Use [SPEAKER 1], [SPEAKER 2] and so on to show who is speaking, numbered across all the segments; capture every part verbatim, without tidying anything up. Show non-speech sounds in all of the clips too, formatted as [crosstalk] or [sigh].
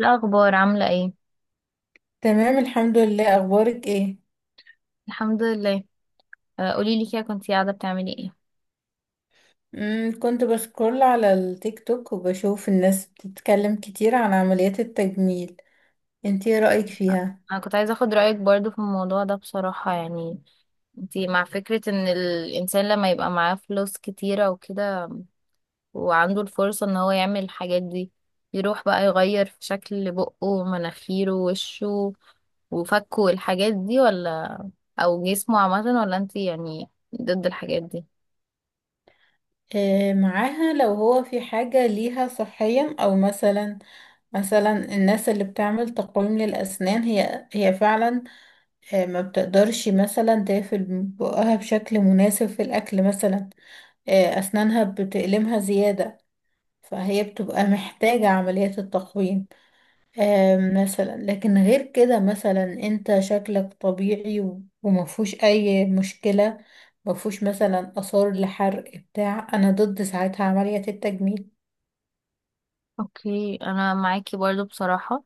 [SPEAKER 1] الأخبار عاملة ايه؟
[SPEAKER 2] تمام الحمد لله، اخبارك ايه؟
[SPEAKER 1] الحمد لله. آه، قوليلي كده كنتي قاعدة بتعملي ايه؟
[SPEAKER 2] امم كنت بسكرول على التيك توك وبشوف الناس بتتكلم كتير عن عمليات التجميل. انتي ايه رأيك
[SPEAKER 1] آه،
[SPEAKER 2] فيها؟
[SPEAKER 1] أنا كنت عايزة أخد رأيك برضو في الموضوع ده بصراحة. يعني انتي مع فكرة ان الإنسان لما يبقى معاه فلوس كتيرة وكده، وعنده الفرصة ان هو يعمل الحاجات دي، يروح بقى يغير في شكل بقه ومناخيره ووشه وفكه والحاجات دي، ولا أو جسمه عامة، ولا انتي يعني ضد الحاجات دي؟
[SPEAKER 2] إيه معاها لو هو في حاجة ليها صحيا، او مثلا مثلا الناس اللي بتعمل تقويم للأسنان هي هي فعلا، آه، ما بتقدرش مثلا تقفل بقها بشكل مناسب في الأكل مثلا، آه، أسنانها بتألمها زيادة، فهي بتبقى محتاجة عملية التقويم. آم، مثلا لكن غير كده مثلا انت شكلك طبيعي و- ومفهوش اي مشكلة، مفهوش مثلا اثار لحرق بتاع، انا ضد ساعتها عملية التجميل.
[SPEAKER 1] اوكي، انا معاكي برضو بصراحة.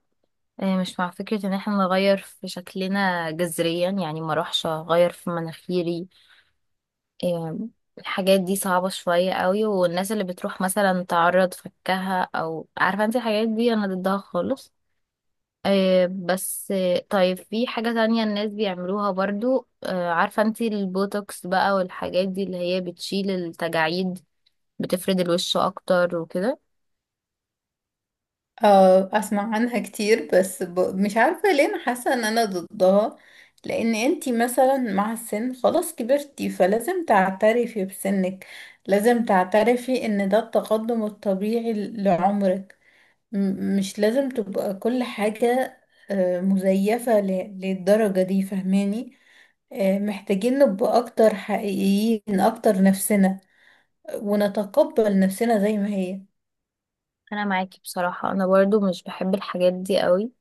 [SPEAKER 1] آه، مش مع فكرة ان احنا نغير في شكلنا جذريا، يعني ما اروحش اغير في مناخيري. آه، الحاجات دي صعبة شوية قوي، والناس اللي بتروح مثلا تعرض فكها او عارفة انت الحاجات دي انا ضدها خالص. آه، بس آه، طيب في حاجة تانية الناس بيعملوها برضو، آه، عارفة انت البوتوكس بقى والحاجات دي اللي هي بتشيل التجاعيد، بتفرد الوش اكتر وكده.
[SPEAKER 2] اه اسمع عنها كتير بس ب... مش عارفة ليه انا حاسة ان انا ضدها. لان انتي مثلا مع السن خلاص كبرتي، فلازم تعترفي بسنك، لازم تعترفي ان ده التقدم الطبيعي ل- لعمرك. م- مش لازم تبقى كل حاجة آه، مزيفة ل- للدرجة دي، فهماني؟ آه، محتاجين نبقى أكتر حقيقيين، أكتر نفسنا، ونتقبل نفسنا زي ما هي.
[SPEAKER 1] انا معاكي بصراحة، انا برضو مش بحب الحاجات دي قوي.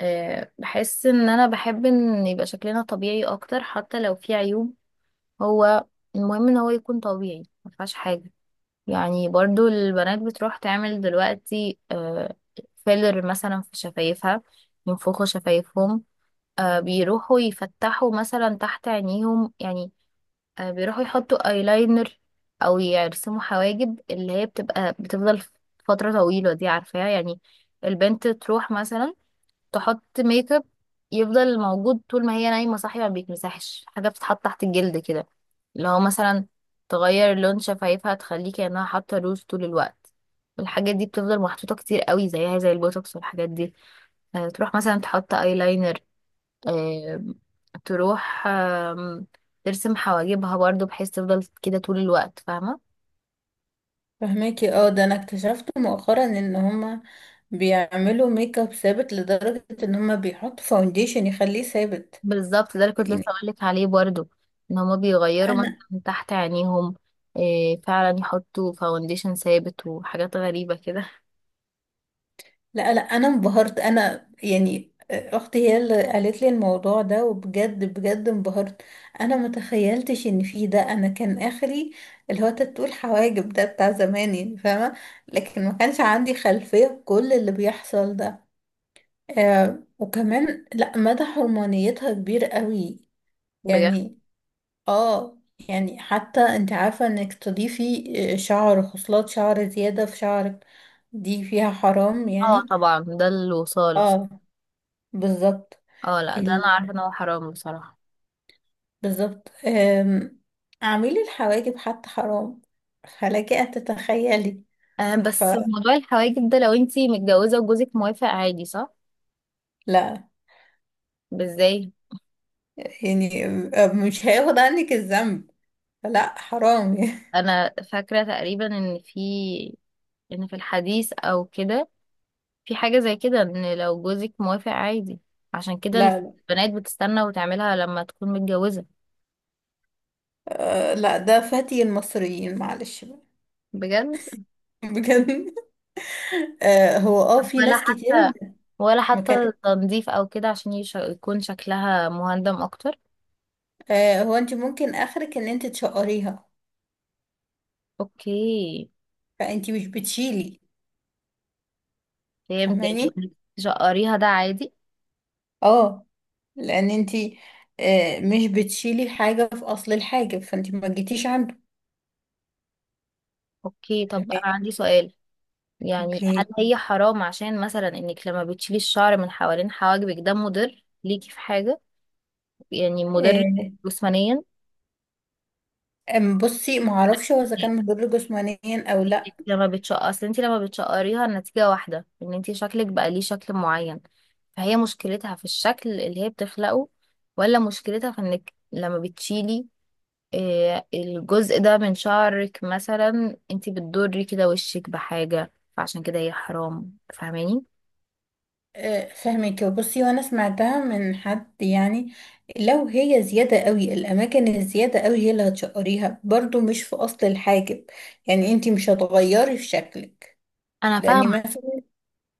[SPEAKER 1] آه، بحس ان انا بحب ان يبقى شكلنا طبيعي اكتر حتى لو في عيوب. هو المهم ان هو يكون طبيعي، ما فيهاش حاجه. يعني برضو البنات بتروح تعمل دلوقتي آه، فيلر مثلا في شفايفها، ينفخوا شفايفهم. آه، بيروحوا يفتحوا مثلا تحت عينيهم، يعني آه، بيروحوا يحطوا ايلاينر، او يرسموا حواجب اللي هي بتبقى بتفضل فتره طويله، دي عارفاها يعني. البنت تروح مثلا تحط ميك اب يفضل موجود طول ما هي نايمة صاحية، ما بيتمسحش. حاجة بتتحط تحت الجلد كده، اللي هو مثلا تغير لون شفايفها تخليه كأنها حاطة روج طول الوقت. والحاجات دي بتفضل محطوطة كتير قوي، زيها زي البوتوكس والحاجات دي. آه، تروح مثلا تحط ايلاينر، آه، تروح آم، ترسم حواجبها برضو بحيث تفضل كده طول الوقت، فاهمة.
[SPEAKER 2] فهماكي. اه ده أنا اكتشفت مؤخرا إن هما بيعملوا ميك اب ثابت لدرجة إن هما بيحطوا فاونديشن يخليه ثابت.
[SPEAKER 1] بالظبط، ده اللي كنت لسه
[SPEAKER 2] يعني
[SPEAKER 1] اقولك عليه برضو، ان هما بيغيروا مثلا
[SPEAKER 2] أنا،
[SPEAKER 1] تحت عينيهم. إيه فعلا، يحطوا فاونديشن ثابت وحاجات غريبة كده.
[SPEAKER 2] لا لا انا انبهرت، انا يعني آه، اختي هي اللي قالت لي الموضوع ده، وبجد بجد انبهرت. انا ما تخيلتش ان في ده، انا كان اخري اللي هو تاتو الحواجب ده بتاع زمان، يعني فاهمه. لكن ما كانش عندي خلفيه بكل اللي بيحصل ده. آه، وكمان لا مدى حرمانيتها كبير قوي
[SPEAKER 1] بجد.
[SPEAKER 2] يعني. اه، يعني حتى انت عارفه انك تضيفي آه، شعر، خصلات شعر زياده في شعرك، دي فيها حرام
[SPEAKER 1] اه
[SPEAKER 2] يعني.
[SPEAKER 1] طبعا، ده الوصال.
[SPEAKER 2] اه، بالظبط.
[SPEAKER 1] اه، لا، ده انا
[SPEAKER 2] ال...
[SPEAKER 1] عارفة ان هو حرام بصراحة.
[SPEAKER 2] بالظبط. أم... اعملي الحواجب حتى حرام، فلك أن تتخيلي.
[SPEAKER 1] آه بس
[SPEAKER 2] فلا،
[SPEAKER 1] موضوع الحواجب ده، لو انتي متجوزة وجوزك موافق عادي، صح؟ ازاي؟
[SPEAKER 2] يعني مش هياخد عنك الذنب، فلا حرام [laughs] يعني.
[SPEAKER 1] انا فاكرة تقريبا ان في ان في الحديث او كده، في حاجة زي كده ان لو جوزك موافق عادي، عشان كده
[SPEAKER 2] لا لا.
[SPEAKER 1] البنات بتستنى وتعملها لما تكون متجوزة.
[SPEAKER 2] أه لا ده فتي المصريين، معلش بقى.
[SPEAKER 1] بجد.
[SPEAKER 2] [laughs] بجد. أه هو اه في
[SPEAKER 1] ولا
[SPEAKER 2] ناس كتير
[SPEAKER 1] حتى ولا
[SPEAKER 2] ما
[SPEAKER 1] حتى
[SPEAKER 2] كانت.
[SPEAKER 1] تنظيف او كده، عشان يش- يكون شكلها مهندم اكتر.
[SPEAKER 2] أه هو انت ممكن اخرك ان انت تشقريها،
[SPEAKER 1] اوكي.
[SPEAKER 2] فانت مش بتشيلي،
[SPEAKER 1] فهمت، يعني
[SPEAKER 2] فاهماني؟
[SPEAKER 1] وإنك تشقريها ده عادي.
[SPEAKER 2] اه لان انتي آه، مش بتشيلي حاجة في اصل الحاجة، فانتي ما جيتيش عنده.
[SPEAKER 1] اوكي، طب انا
[SPEAKER 2] فهماني؟
[SPEAKER 1] عندي سؤال. يعني هل
[SPEAKER 2] اوكي.
[SPEAKER 1] هي حرام عشان مثلا انك لما بتشيلي الشعر من حوالين حواجبك ده مضر ليكي في حاجة، يعني مضر
[SPEAKER 2] آه،
[SPEAKER 1] جسمانيا؟
[SPEAKER 2] أم بصي ما اعرفش هو اذا كان مضر جسمانيا او
[SPEAKER 1] انت
[SPEAKER 2] لا.
[SPEAKER 1] لما بتشقر، اصل انت لما بتشقريها النتيجة واحدة، ان انت شكلك بقى ليه شكل معين. فهي مشكلتها في الشكل اللي هي بتخلقه، ولا مشكلتها في انك لما بتشيلي آه، الجزء ده من شعرك مثلا، انت بتضري كده وشك بحاجة، فعشان كده هي حرام، فاهماني؟
[SPEAKER 2] آه، فهمك. بصي وانا سمعتها من حد يعني، لو هي زيادة قوي الاماكن الزيادة قوي هي اللي هتشقريها، برضو مش في اصل الحاجب. يعني انتي مش هتغيري في شكلك.
[SPEAKER 1] انا
[SPEAKER 2] لاني
[SPEAKER 1] فاهمة.
[SPEAKER 2] مثلا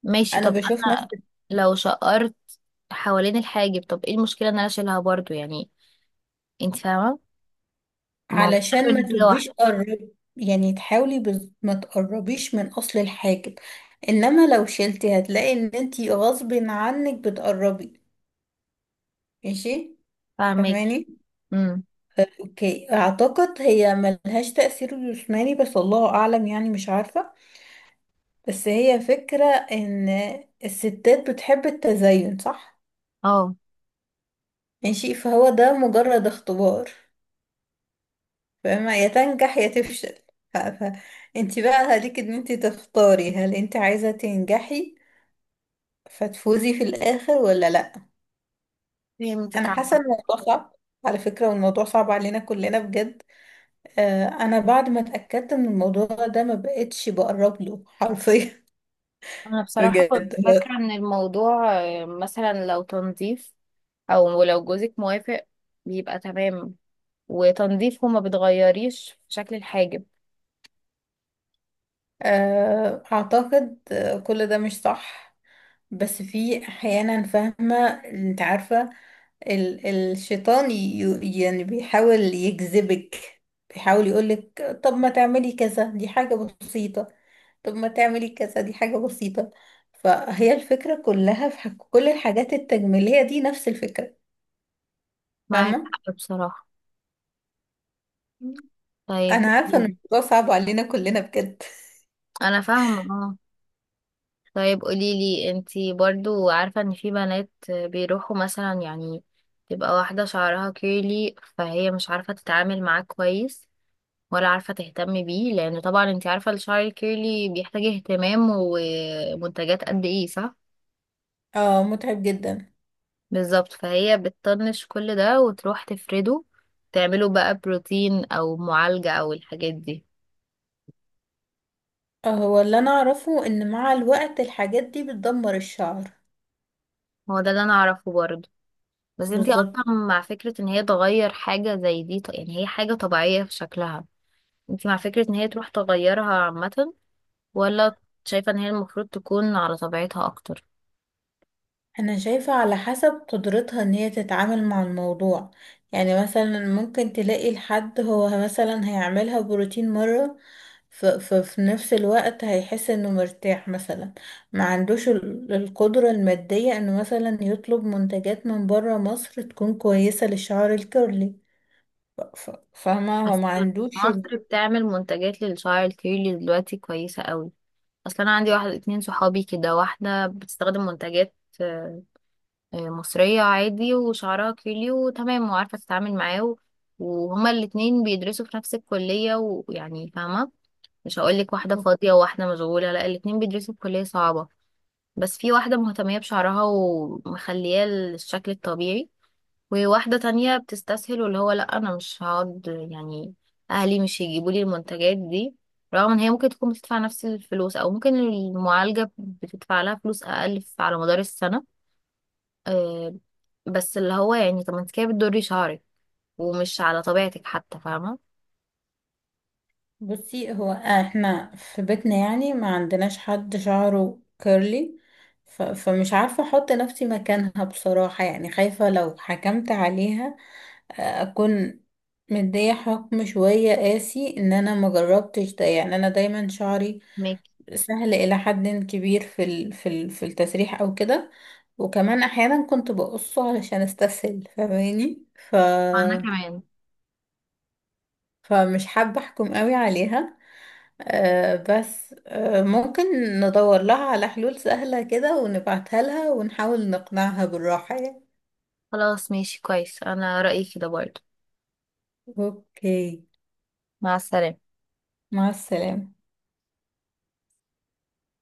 [SPEAKER 1] ماشي،
[SPEAKER 2] انا
[SPEAKER 1] طب
[SPEAKER 2] بشوف ناس.
[SPEAKER 1] انا لو شقرت حوالين الحاجب، طب ايه المشكلة ان انا اشيلها برضو يعني؟ انت فاهمة، ما هو
[SPEAKER 2] علشان ما
[SPEAKER 1] النتيجة واحدة.
[SPEAKER 2] تبقيش قرب، يعني تحاولي بز... ما تقربيش من اصل الحاجب، انما لو شلتي هتلاقي ان انتي غصب عنك بتقربي. ماشي.
[SPEAKER 1] فاهمك.
[SPEAKER 2] فهماني.
[SPEAKER 1] امم.
[SPEAKER 2] اوكي اعتقد هي ملهاش تأثير جسماني، بس الله اعلم يعني مش عارفة. بس هي فكرة ان الستات بتحب التزين، صح؟
[SPEAKER 1] اه،
[SPEAKER 2] ماشي، فهو ده مجرد اختبار، فاهمة، يا تنجح يا تفشل. ف... ف... انت بقى عليك ان انت تختاري، هل انت عايزة تنجحي فتفوزي في الاخر ولا لا.
[SPEAKER 1] فهمتك
[SPEAKER 2] انا حاسة ان
[SPEAKER 1] عامة.
[SPEAKER 2] الموضوع صعب على فكرة، والموضوع صعب علينا كلنا بجد. آه، انا بعد ما اتأكدت من الموضوع ده ما بقتش بقرب له حرفيا.
[SPEAKER 1] انا
[SPEAKER 2] [laughs]
[SPEAKER 1] بصراحة
[SPEAKER 2] بجد.
[SPEAKER 1] كنت فاكرة ان الموضوع آه، مثلا لو تنظيف، او لو جوزك موافق، بيبقى تمام. وتنظيف هما بتغيريش في شكل الحاجب.
[SPEAKER 2] آه اعتقد آه، كل ده مش صح. بس في احيانا، فاهمة؟ انت عارفة ال- الشيطان ي- يعني بيحاول يجذبك، بيحاول يقولك طب ما تعملي كذا دي حاجة بسيطة، طب ما تعملي كذا دي حاجة بسيطة. فهي الفكرة كلها في حك- كل الحاجات التجميلية دي نفس الفكرة.
[SPEAKER 1] معاك
[SPEAKER 2] فاهمة؟
[SPEAKER 1] حق بصراحة. طيب
[SPEAKER 2] أنا عارفة إن
[SPEAKER 1] قوليلي.
[SPEAKER 2] الموضوع صعب علينا كلنا بجد.
[SPEAKER 1] انا فاهمة، اه. طيب قوليلي انتي برضو، عارفة ان في بنات بيروحوا مثلا، يعني تبقى واحدة شعرها كيرلي فهي مش عارفة تتعامل معاه كويس، ولا عارفة تهتمي بيه، لأن طبعا انت عارفة الشعر الكيرلي بيحتاج اهتمام ومنتجات قد ايه، صح؟
[SPEAKER 2] اه متعب جدا.
[SPEAKER 1] بالظبط. فهي بتطنش كل ده وتروح تفرده، تعمله بقى بروتين أو معالجة أو الحاجات دي.
[SPEAKER 2] آه، هو اللي أنا أعرفه إن مع الوقت الحاجات دي بتدمر الشعر.
[SPEAKER 1] هو ده اللي أنا أعرفه برضه. بس انت
[SPEAKER 2] بالظبط.
[SPEAKER 1] أصلا مع فكرة ان هي تغير حاجة زي دي، ط- يعني هي حاجة طبيعية في شكلها؟ انت مع فكرة ان هي تروح تغيرها عامة، ولا شايفة ان هي المفروض تكون على طبيعتها أكتر؟
[SPEAKER 2] انا شايفة على حسب قدرتها ان هي تتعامل مع الموضوع. يعني مثلا ممكن تلاقي الحد هو مثلا هيعملها بروتين مرة، ففي نفس الوقت هيحس انه مرتاح مثلا، ما عندوش ال- القدرة المادية انه مثلا يطلب منتجات من برا مصر تكون كويسة للشعر الكيرلي. ف- ف- فاهمة، هو
[SPEAKER 1] بس
[SPEAKER 2] ما عندوش ال-.
[SPEAKER 1] مصر بتعمل منتجات للشعر الكيرلي دلوقتي كويسة قوي. اصل انا عندي واحد اتنين صحابي كده، واحدة بتستخدم منتجات آه، آه، مصرية عادي، وشعرها كيرلي وتمام وعارفة تتعامل معاه، و- وهما الاتنين بيدرسوا في نفس الكلية، ويعني فاهمة، مش هقولك واحدة فاضية وواحدة مشغولة، لا الاتنين بيدرسوا في كلية صعبة. بس في واحدة مهتمية بشعرها ومخلياه الشكل الطبيعي، وواحدة تانية بتستسهل، واللي هو لأ، أنا مش هقعد يعني، أهلي مش هيجيبوا لي المنتجات دي، رغم إن هي ممكن تكون بتدفع نفس الفلوس، أو ممكن المعالجة بتدفع لها فلوس أقل ف- على مدار السنة. أه، بس اللي هو يعني، طب ما انت كده بتضري شعرك، ومش على طبيعتك حتى، فاهمة.
[SPEAKER 2] بصي هو احنا في بيتنا يعني ما عندناش حد شعره كيرلي. ف... فمش عارفة احط نفسي مكانها بصراحة، يعني خايفة لو حكمت عليها آه، اكون مدية حكم شوية قاسي، ان انا ما جربتش ده. يعني انا دايما شعري
[SPEAKER 1] ماكي.
[SPEAKER 2] سهل الى حد كبير في ال... في ال... في التسريح او كده، وكمان احيانا كنت بقصه علشان استسهل، فاهماني؟ ف...
[SPEAKER 1] أنا كمان.
[SPEAKER 2] فمش حابة احكم قوي عليها. آه بس آه ممكن ندور لها على حلول سهلة كده ونبعتها لها ونحاول نقنعها بالراحة يعني.
[SPEAKER 1] خلاص، ماشي كويس، أنا رأيي كده برضه.
[SPEAKER 2] اوكي.
[SPEAKER 1] مع السلامة.
[SPEAKER 2] مع السلامة.